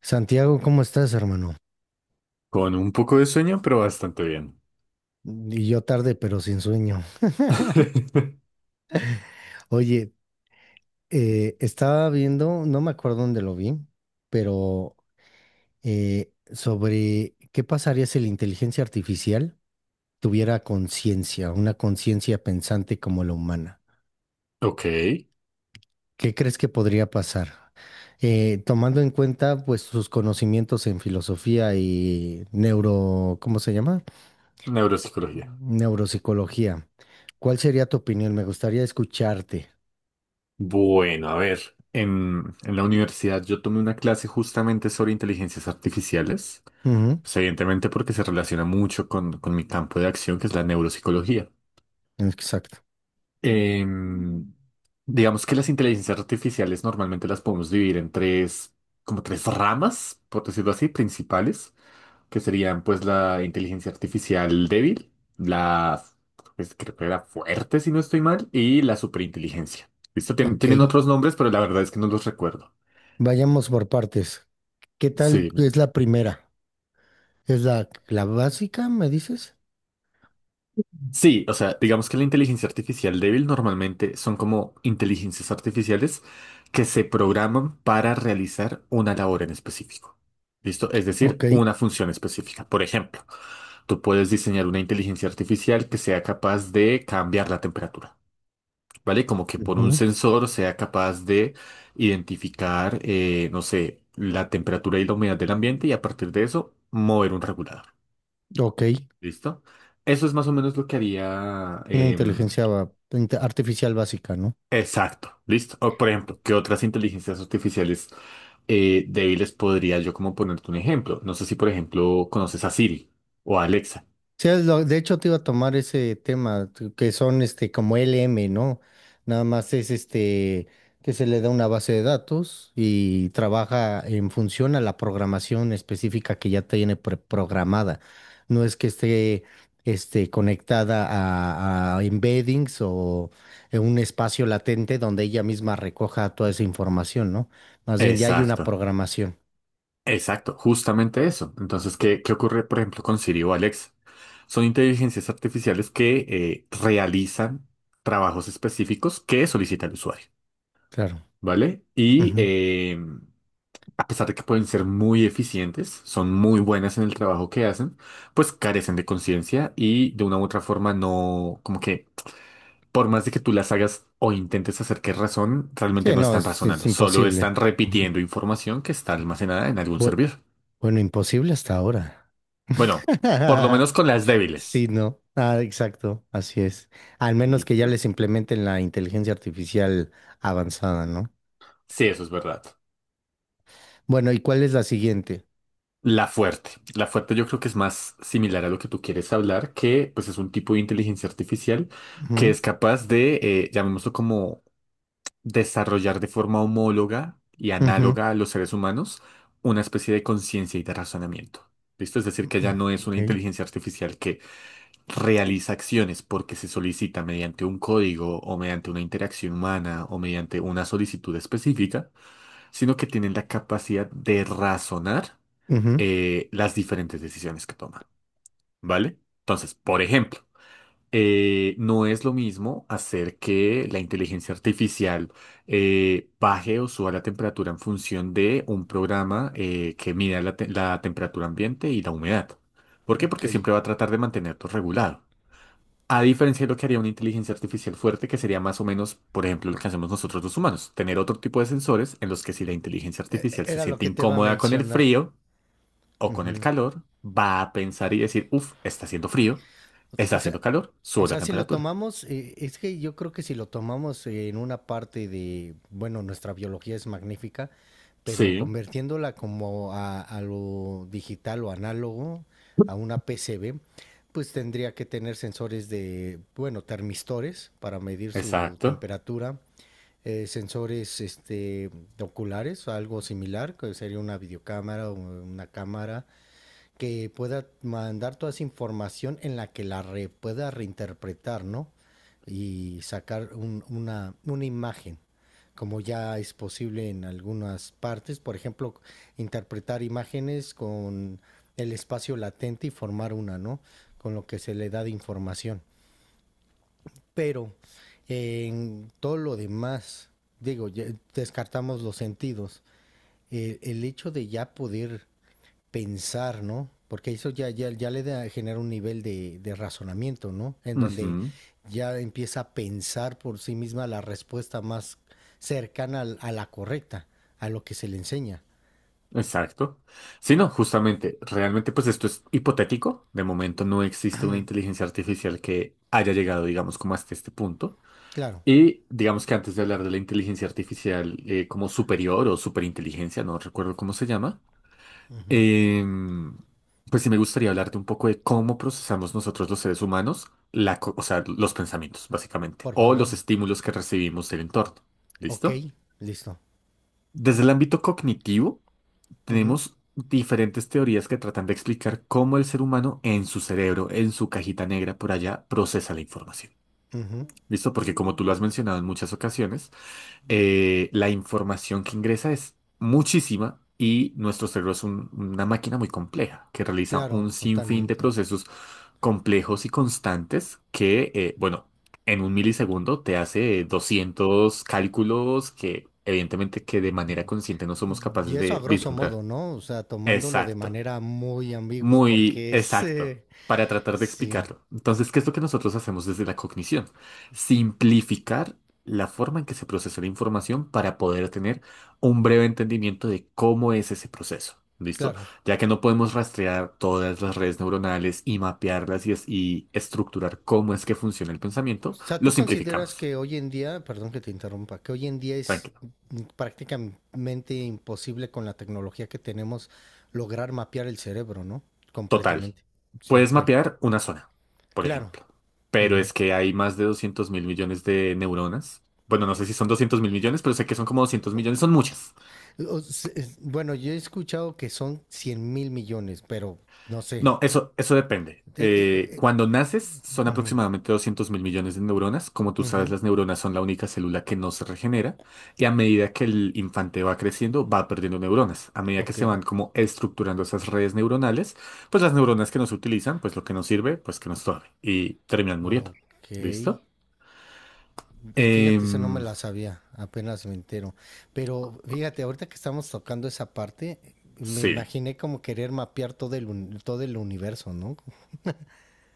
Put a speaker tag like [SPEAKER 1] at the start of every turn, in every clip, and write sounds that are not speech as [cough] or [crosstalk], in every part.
[SPEAKER 1] Santiago, ¿cómo estás, hermano?
[SPEAKER 2] Con un poco de sueño, pero bastante bien.
[SPEAKER 1] Y yo tarde, pero sin sueño.
[SPEAKER 2] [laughs]
[SPEAKER 1] Oye, estaba viendo, no me acuerdo dónde lo vi, pero sobre qué pasaría si la inteligencia artificial tuviera conciencia, una conciencia pensante como la humana.
[SPEAKER 2] Ok,
[SPEAKER 1] ¿Qué crees que podría pasar? Tomando en cuenta, pues, sus conocimientos en filosofía y neuro, ¿cómo se llama?
[SPEAKER 2] neuropsicología.
[SPEAKER 1] Neuropsicología. ¿Cuál sería tu opinión? Me gustaría escucharte.
[SPEAKER 2] Bueno, a ver, en la universidad yo tomé una clase justamente sobre inteligencias artificiales, pues evidentemente porque se relaciona mucho con mi campo de acción, que es la neuropsicología.
[SPEAKER 1] Exacto.
[SPEAKER 2] Em, digamos que las inteligencias artificiales normalmente las podemos dividir en tres, como tres ramas, por decirlo así, principales, que serían pues la inteligencia artificial débil, la, pues, creo que era fuerte si no estoy mal, y la superinteligencia. Listo,
[SPEAKER 1] Ok,
[SPEAKER 2] tienen otros nombres, pero la verdad es que no los recuerdo.
[SPEAKER 1] vayamos por partes. ¿Qué tal
[SPEAKER 2] Sí,
[SPEAKER 1] es la primera? ¿Es la básica, me dices?
[SPEAKER 2] sí, o sea, digamos que la inteligencia artificial débil normalmente son como inteligencias artificiales que se programan para realizar una labor en específico. ¿Listo? Es
[SPEAKER 1] Ok,
[SPEAKER 2] decir, una función específica. Por ejemplo, tú puedes diseñar una inteligencia artificial que sea capaz de cambiar la temperatura. ¿Vale? Como que por un
[SPEAKER 1] ujú,
[SPEAKER 2] sensor sea capaz de identificar, no sé, la temperatura y la humedad del ambiente y a partir de eso mover un regulador.
[SPEAKER 1] ok,
[SPEAKER 2] ¿Listo? Eso es más o menos lo que haría
[SPEAKER 1] una inteligencia artificial básica, ¿no?
[SPEAKER 2] exacto, ¿listo? O, por ejemplo, ¿qué otras inteligencias artificiales débiles podría yo como ponerte un ejemplo? No sé si, por ejemplo, conoces a Siri o a Alexa.
[SPEAKER 1] Sí, de hecho te iba a tomar ese tema, que son este como LM, ¿no? Nada más es este que se le da una base de datos y trabaja en función a la programación específica que ya tiene pre- programada. No es que esté este, conectada a embeddings o en un espacio latente donde ella misma recoja toda esa información, ¿no? Más bien ya hay una
[SPEAKER 2] Exacto,
[SPEAKER 1] programación.
[SPEAKER 2] exacto, justamente eso. Entonces, ¿qué ocurre, por ejemplo, con Siri o Alexa? Son inteligencias artificiales que realizan trabajos específica que solicita el usuario,
[SPEAKER 1] Claro.
[SPEAKER 2] ¿vale? Y
[SPEAKER 1] Ujú.
[SPEAKER 2] a pesar de que pueden ser muy eficientes, son muy buenas en el trabajo que hacen, pues carecen de conciencia y de una u otra forma no, como que por más de que tú las hagas o intentes hacer que razonen, realmente
[SPEAKER 1] Sí,
[SPEAKER 2] no
[SPEAKER 1] no,
[SPEAKER 2] están
[SPEAKER 1] es
[SPEAKER 2] razonando, solo
[SPEAKER 1] imposible.
[SPEAKER 2] están
[SPEAKER 1] Ujú.
[SPEAKER 2] repitiendo información que está almacenada en algún servidor.
[SPEAKER 1] Bueno, imposible hasta ahora.
[SPEAKER 2] Bueno, por lo
[SPEAKER 1] [laughs]
[SPEAKER 2] menos con las
[SPEAKER 1] Sí,
[SPEAKER 2] débiles.
[SPEAKER 1] no. Ah, exacto, así es. Al menos que ya
[SPEAKER 2] ¿Listo?
[SPEAKER 1] les implementen la inteligencia artificial avanzada, ¿no?
[SPEAKER 2] Sí, eso es verdad.
[SPEAKER 1] Bueno, ¿y cuál es la siguiente?
[SPEAKER 2] La fuerte. La fuerte yo creo que es más similar a lo que tú quieres hablar, que pues es un tipo de inteligencia artificial que
[SPEAKER 1] Ujú,
[SPEAKER 2] es capaz de, llamémoslo como, desarrollar de forma homóloga y
[SPEAKER 1] ujú,
[SPEAKER 2] análoga a los seres humanos una especie de conciencia y de razonamiento. ¿Listo? Es decir, que
[SPEAKER 1] ujú,
[SPEAKER 2] ya no es una
[SPEAKER 1] ok,
[SPEAKER 2] inteligencia artificial que realiza acciones porque se solicita mediante un código o mediante una interacción humana o mediante una solicitud específica, sino que tienen la capacidad de razonar
[SPEAKER 1] ujú.
[SPEAKER 2] las diferentes decisiones que toma, ¿vale? Entonces, por ejemplo, no es lo mismo hacer que la inteligencia artificial baje o suba la temperatura en función de un programa que mida la temperatura ambiente y la humedad. ¿Por qué?
[SPEAKER 1] Ok,
[SPEAKER 2] Porque siempre va a tratar de mantener todo regulado. A diferencia de lo que haría una inteligencia artificial fuerte, que sería más o menos, por ejemplo, lo que hacemos nosotros los humanos, tener otro tipo de sensores en los que si la inteligencia artificial se
[SPEAKER 1] era lo
[SPEAKER 2] siente
[SPEAKER 1] que te va a
[SPEAKER 2] incómoda con el
[SPEAKER 1] mencionar.
[SPEAKER 2] frío, o con el
[SPEAKER 1] Ujú.
[SPEAKER 2] calor, va a pensar y decir, uff, está haciendo frío, está
[SPEAKER 1] O sea,
[SPEAKER 2] haciendo calor, subo la
[SPEAKER 1] Si lo
[SPEAKER 2] temperatura.
[SPEAKER 1] tomamos, es que yo creo que si lo tomamos en una parte de, bueno, nuestra biología es magnífica, pero
[SPEAKER 2] Sí,
[SPEAKER 1] convirtiéndola como a lo digital o análogo, a una PCB, pues tendría que tener sensores de, bueno, termistores para medir su
[SPEAKER 2] exacto.
[SPEAKER 1] temperatura, sensores este, oculares, algo similar, que sería una videocámara o una cámara, que pueda mandar toda esa información en la que la pueda reinterpretar, ¿no? Y sacar una imagen, como ya es posible en algunas partes, por ejemplo, interpretar imágenes con el espacio latente y formar una, ¿no? Con lo que se le da de información. Pero en todo lo demás, digo, ya descartamos los sentidos. El hecho de ya poder pensar, ¿no? Porque eso ya le da, genera un nivel de razonamiento, ¿no? En donde
[SPEAKER 2] Ujú,
[SPEAKER 1] ya empieza a pensar por sí misma la respuesta más cercana a la correcta, a lo que se le enseña.
[SPEAKER 2] exacto. Sí, no, justamente, realmente pues esto es hipotético. De momento no existe una inteligencia artificial que haya llegado, digamos, como hasta este punto.
[SPEAKER 1] Claro,
[SPEAKER 2] Y digamos que antes de hablar de la inteligencia artificial como superior o superinteligencia, no recuerdo cómo se llama. Em, pues sí me gustaría hablarte un poco de cómo procesamos nosotros los seres humanos, o sea, los pensamientos, básicamente,
[SPEAKER 1] por
[SPEAKER 2] o
[SPEAKER 1] favor.
[SPEAKER 2] los estímulos que recibimos del entorno.
[SPEAKER 1] Ok,
[SPEAKER 2] ¿Listo?
[SPEAKER 1] listo.
[SPEAKER 2] Desde el ámbito cognitivo,
[SPEAKER 1] Ujú,
[SPEAKER 2] tenemos diferentes teorías que tratan de explicar cómo el ser humano en su cerebro, en su cajita negra por allá, procesa la información.
[SPEAKER 1] ujú.
[SPEAKER 2] ¿Listo? Porque como tú lo has mencionado en muchas ocasiones, la información que ingresa es muchísima y nuestro cerebro es una máquina muy compleja que realiza
[SPEAKER 1] Claro,
[SPEAKER 2] un sinfín de
[SPEAKER 1] totalmente.
[SPEAKER 2] procesos complejos y constantes que, bueno, en un milisegundo te hace 200 cálculos que evidentemente que de manera consciente no somos
[SPEAKER 1] Y
[SPEAKER 2] capaces
[SPEAKER 1] eso a
[SPEAKER 2] de
[SPEAKER 1] grosso
[SPEAKER 2] vislumbrar.
[SPEAKER 1] modo, ¿no? O sea, tomándolo de
[SPEAKER 2] Exacto.
[SPEAKER 1] manera muy ambigua
[SPEAKER 2] Muy
[SPEAKER 1] porque
[SPEAKER 2] exacto, para tratar de
[SPEAKER 1] sí,
[SPEAKER 2] explicarlo. Entonces, ¿qué es lo que nosotros hacemos desde la cognición? Simplificar la forma en que se procesa la información para poder tener un breve entendimiento de cómo es ese proceso. ¿Listo?
[SPEAKER 1] claro.
[SPEAKER 2] Ya que no podemos rastrear todas las redes neuronales y mapearlas y, y estructurar cómo es que funciona el
[SPEAKER 1] O
[SPEAKER 2] pensamiento,
[SPEAKER 1] sea,
[SPEAKER 2] lo
[SPEAKER 1] ¿tú consideras
[SPEAKER 2] simplificamos.
[SPEAKER 1] que hoy en día, perdón que te interrumpa, que hoy en día es
[SPEAKER 2] Tranquilo.
[SPEAKER 1] prácticamente imposible con la tecnología que tenemos lograr mapear el cerebro, ¿no?
[SPEAKER 2] Total.
[SPEAKER 1] Completamente. Sí,
[SPEAKER 2] Puedes
[SPEAKER 1] bien.
[SPEAKER 2] mapear una zona, por
[SPEAKER 1] Claro.
[SPEAKER 2] ejemplo, pero
[SPEAKER 1] Ujú.
[SPEAKER 2] es que hay más de 200 mil millones de neuronas. Bueno, no sé si son 200 mil millones, pero sé que son como 200 millones, son muchas.
[SPEAKER 1] Bueno, yo he escuchado que son 100.000 millones, pero no sé.
[SPEAKER 2] No, eso depende.
[SPEAKER 1] Eh, eh, eh,
[SPEAKER 2] Cuando naces son
[SPEAKER 1] ujú,
[SPEAKER 2] aproximadamente 200 mil millones de neuronas. Como tú sabes,
[SPEAKER 1] ujú.
[SPEAKER 2] las neuronas son la única célula que no se regenera y a medida que el infante va creciendo va perdiendo neuronas. A medida que
[SPEAKER 1] Ok,
[SPEAKER 2] se van como estructurando esas redes neuronales, pues las neuronas que no se utilizan, pues lo que nos sirve, pues que nos torbe y terminan muriendo.
[SPEAKER 1] ok.
[SPEAKER 2] ¿Listo?
[SPEAKER 1] Y fíjate, eso no me
[SPEAKER 2] Em,
[SPEAKER 1] la sabía, apenas me entero. Pero fíjate, ahorita que estamos tocando esa parte, me
[SPEAKER 2] sí,
[SPEAKER 1] imaginé como querer mapear todo el universo, ¿no?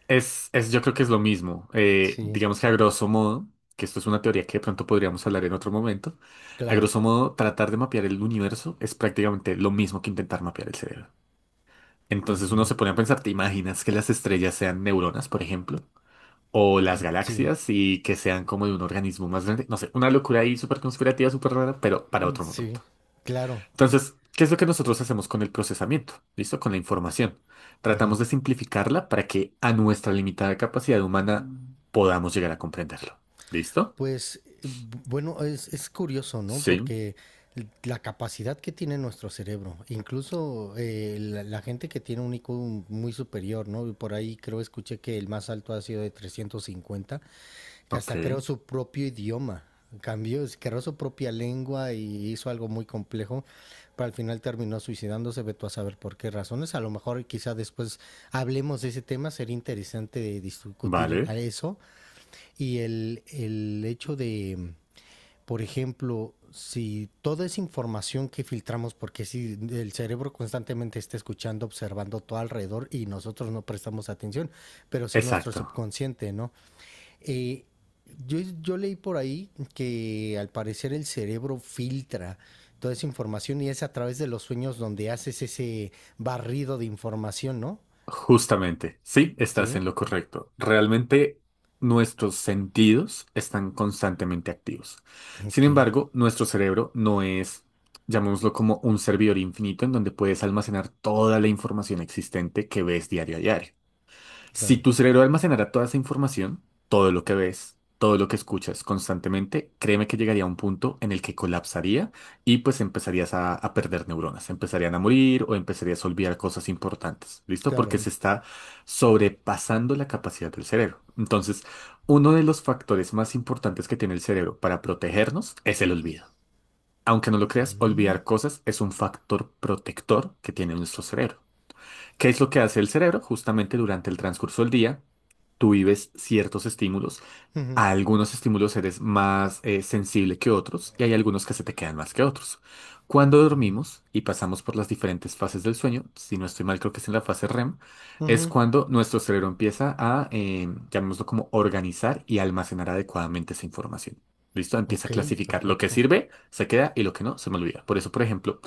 [SPEAKER 2] yo creo que es lo mismo.
[SPEAKER 1] Sí,
[SPEAKER 2] Digamos que a grosso modo, que esto es una teoría que de pronto podríamos hablar en otro momento, a
[SPEAKER 1] claro.
[SPEAKER 2] grosso modo, tratar de mapear el universo es prácticamente lo mismo que intentar mapear el cerebro. Entonces uno
[SPEAKER 1] Ujú.
[SPEAKER 2] se pone a pensar, ¿te imaginas que las estrellas sean neuronas, por ejemplo? O las
[SPEAKER 1] Sí,
[SPEAKER 2] galaxias y que sean como de un organismo más grande. No sé, una locura ahí súper conspirativa, súper rara, pero para otro
[SPEAKER 1] sí,
[SPEAKER 2] momento.
[SPEAKER 1] claro.
[SPEAKER 2] Entonces, ¿qué es lo que nosotros hacemos con el procesamiento? ¿Listo? Con la información.
[SPEAKER 1] Ujú.
[SPEAKER 2] Tratamos de simplificarla para que a nuestra limitada capacidad humana podamos llegar a comprenderlo. ¿Listo?
[SPEAKER 1] Pues bueno, es curioso, ¿no?
[SPEAKER 2] Sí.
[SPEAKER 1] Porque la capacidad que tiene nuestro cerebro, incluso la gente que tiene un IQ muy superior, ¿no? Por ahí creo escuché que el más alto ha sido de 350 que hasta creó
[SPEAKER 2] Ok.
[SPEAKER 1] su propio idioma. Cambió, creó su propia lengua y hizo algo muy complejo, pero al final terminó suicidándose, veto a saber por qué razones. A lo mejor quizá después hablemos de ese tema, sería interesante de discutir a
[SPEAKER 2] Vale.
[SPEAKER 1] eso. Y el hecho de, por ejemplo, si toda esa información que filtramos, porque si el cerebro constantemente está escuchando, observando todo alrededor y nosotros no prestamos atención, pero si nuestro
[SPEAKER 2] Exacto.
[SPEAKER 1] subconsciente, ¿no? Eh, yo leí por ahí que al parecer el cerebro filtra toda esa información y es a través de los sueños donde haces ese barrido de información, ¿no?
[SPEAKER 2] Justamente. Sí, estás
[SPEAKER 1] Sí,
[SPEAKER 2] en lo correcto. Realmente nuestros sentidos están constantemente activos. Sin
[SPEAKER 1] ok,
[SPEAKER 2] embargo, nuestro cerebro no es, llamémoslo como un servidor infinito en donde puedes almacenar toda la información existente que ves diario a diario. Si
[SPEAKER 1] claro,
[SPEAKER 2] tu cerebro almacenara toda esa información, todo lo que ves, todo lo que escuchas constantemente, créeme que llegaría a un punto en el que colapsaría y pues empezarías a perder neuronas, empezarían a morir o empezarías a olvidar cosas importantes, ¿listo? Porque
[SPEAKER 1] claro.
[SPEAKER 2] se está sobrepasando la capacidad del cerebro. Entonces, uno de los factores más importantes que tiene el cerebro para protegernos es el olvido. Aunque no lo creas,
[SPEAKER 1] Mm,
[SPEAKER 2] olvidar cosas es un factor protector que tiene nuestro cerebro. ¿Qué es lo que hace el cerebro? Justamente durante el transcurso del día, tú vives ciertos estímulos,
[SPEAKER 1] ujú,
[SPEAKER 2] a algunos estímulos eres más sensible que otros y hay algunos que se te quedan más que otros. Cuando dormimos y pasamos por las diferentes fases del sueño, si no estoy mal creo que es en la fase REM, es
[SPEAKER 1] ujú.
[SPEAKER 2] cuando nuestro cerebro empieza a, llamémoslo como organizar y almacenar adecuadamente esa información. ¿Listo? Empieza
[SPEAKER 1] Ok,
[SPEAKER 2] a clasificar. Lo que
[SPEAKER 1] perfecto.
[SPEAKER 2] sirve se queda y lo que no se me olvida. Por eso, por ejemplo,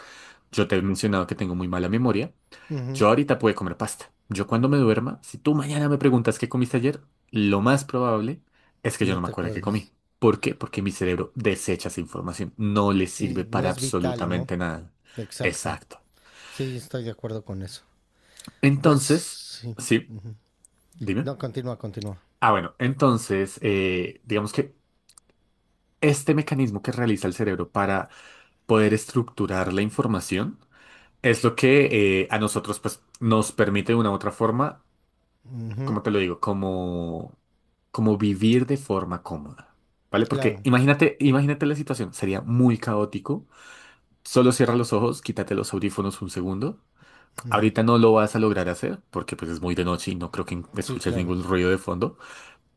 [SPEAKER 2] yo te he mencionado que tengo muy mala memoria.
[SPEAKER 1] Ujú,
[SPEAKER 2] Yo ahorita puedo comer pasta. Yo cuando me duerma, si tú mañana me preguntas qué comiste ayer, lo más probable es que yo
[SPEAKER 1] no
[SPEAKER 2] no me
[SPEAKER 1] te
[SPEAKER 2] acuerdo qué
[SPEAKER 1] acuerdes.
[SPEAKER 2] comí. ¿Por qué? Porque mi cerebro desecha esa información. No le
[SPEAKER 1] Sí,
[SPEAKER 2] sirve
[SPEAKER 1] no
[SPEAKER 2] para
[SPEAKER 1] es vital, ¿no?
[SPEAKER 2] absolutamente nada.
[SPEAKER 1] Exacto.
[SPEAKER 2] Exacto.
[SPEAKER 1] Sí, estoy de acuerdo con eso. Pues
[SPEAKER 2] Entonces,
[SPEAKER 1] sí.
[SPEAKER 2] sí,
[SPEAKER 1] Ujú.
[SPEAKER 2] dime.
[SPEAKER 1] No, continúa, continúa.
[SPEAKER 2] Ah, bueno, entonces, digamos que este mecanismo que realiza el cerebro para poder estructurar la información es lo que a nosotros pues, nos permite de una u otra forma,
[SPEAKER 1] Ujú,
[SPEAKER 2] como te lo digo, como, como vivir de forma cómoda. ¿Vale? Porque
[SPEAKER 1] claro,
[SPEAKER 2] imagínate, imagínate la situación, sería muy caótico. Solo cierra los ojos, quítate los audífonos un segundo. Ahorita no lo vas a lograr hacer porque pues es muy de noche y no creo que
[SPEAKER 1] sí,
[SPEAKER 2] escuches
[SPEAKER 1] claro.
[SPEAKER 2] ningún ruido de fondo,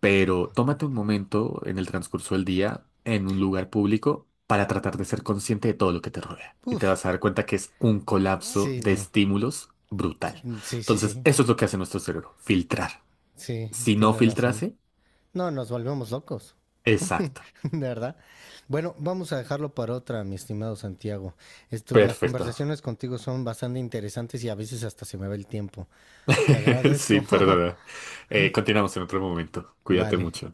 [SPEAKER 2] pero tómate un momento en el transcurso del día en un lugar público para tratar de ser consciente de todo lo que te rodea. Y te
[SPEAKER 1] Uf,
[SPEAKER 2] vas a dar cuenta que es un colapso
[SPEAKER 1] sí,
[SPEAKER 2] de
[SPEAKER 1] no.
[SPEAKER 2] estímulos brutal.
[SPEAKER 1] Mm, sí, sí,
[SPEAKER 2] Entonces,
[SPEAKER 1] sí,
[SPEAKER 2] eso es lo que hace nuestro cerebro, filtrar.
[SPEAKER 1] sí,
[SPEAKER 2] Si no
[SPEAKER 1] tienes razón.
[SPEAKER 2] filtrase,
[SPEAKER 1] No, nos volvemos locos,
[SPEAKER 2] exacto.
[SPEAKER 1] [laughs] de verdad. Bueno, vamos a dejarlo para otra, mi estimado Santiago. Las
[SPEAKER 2] Perfecto.
[SPEAKER 1] conversaciones
[SPEAKER 2] [laughs]
[SPEAKER 1] contigo son bastante interesantes y a veces hasta se me va el tiempo. Te
[SPEAKER 2] Sí,
[SPEAKER 1] agradezco. [laughs]
[SPEAKER 2] perdona. Continuamos en otro momento. Cuídate
[SPEAKER 1] Vale.
[SPEAKER 2] mucho.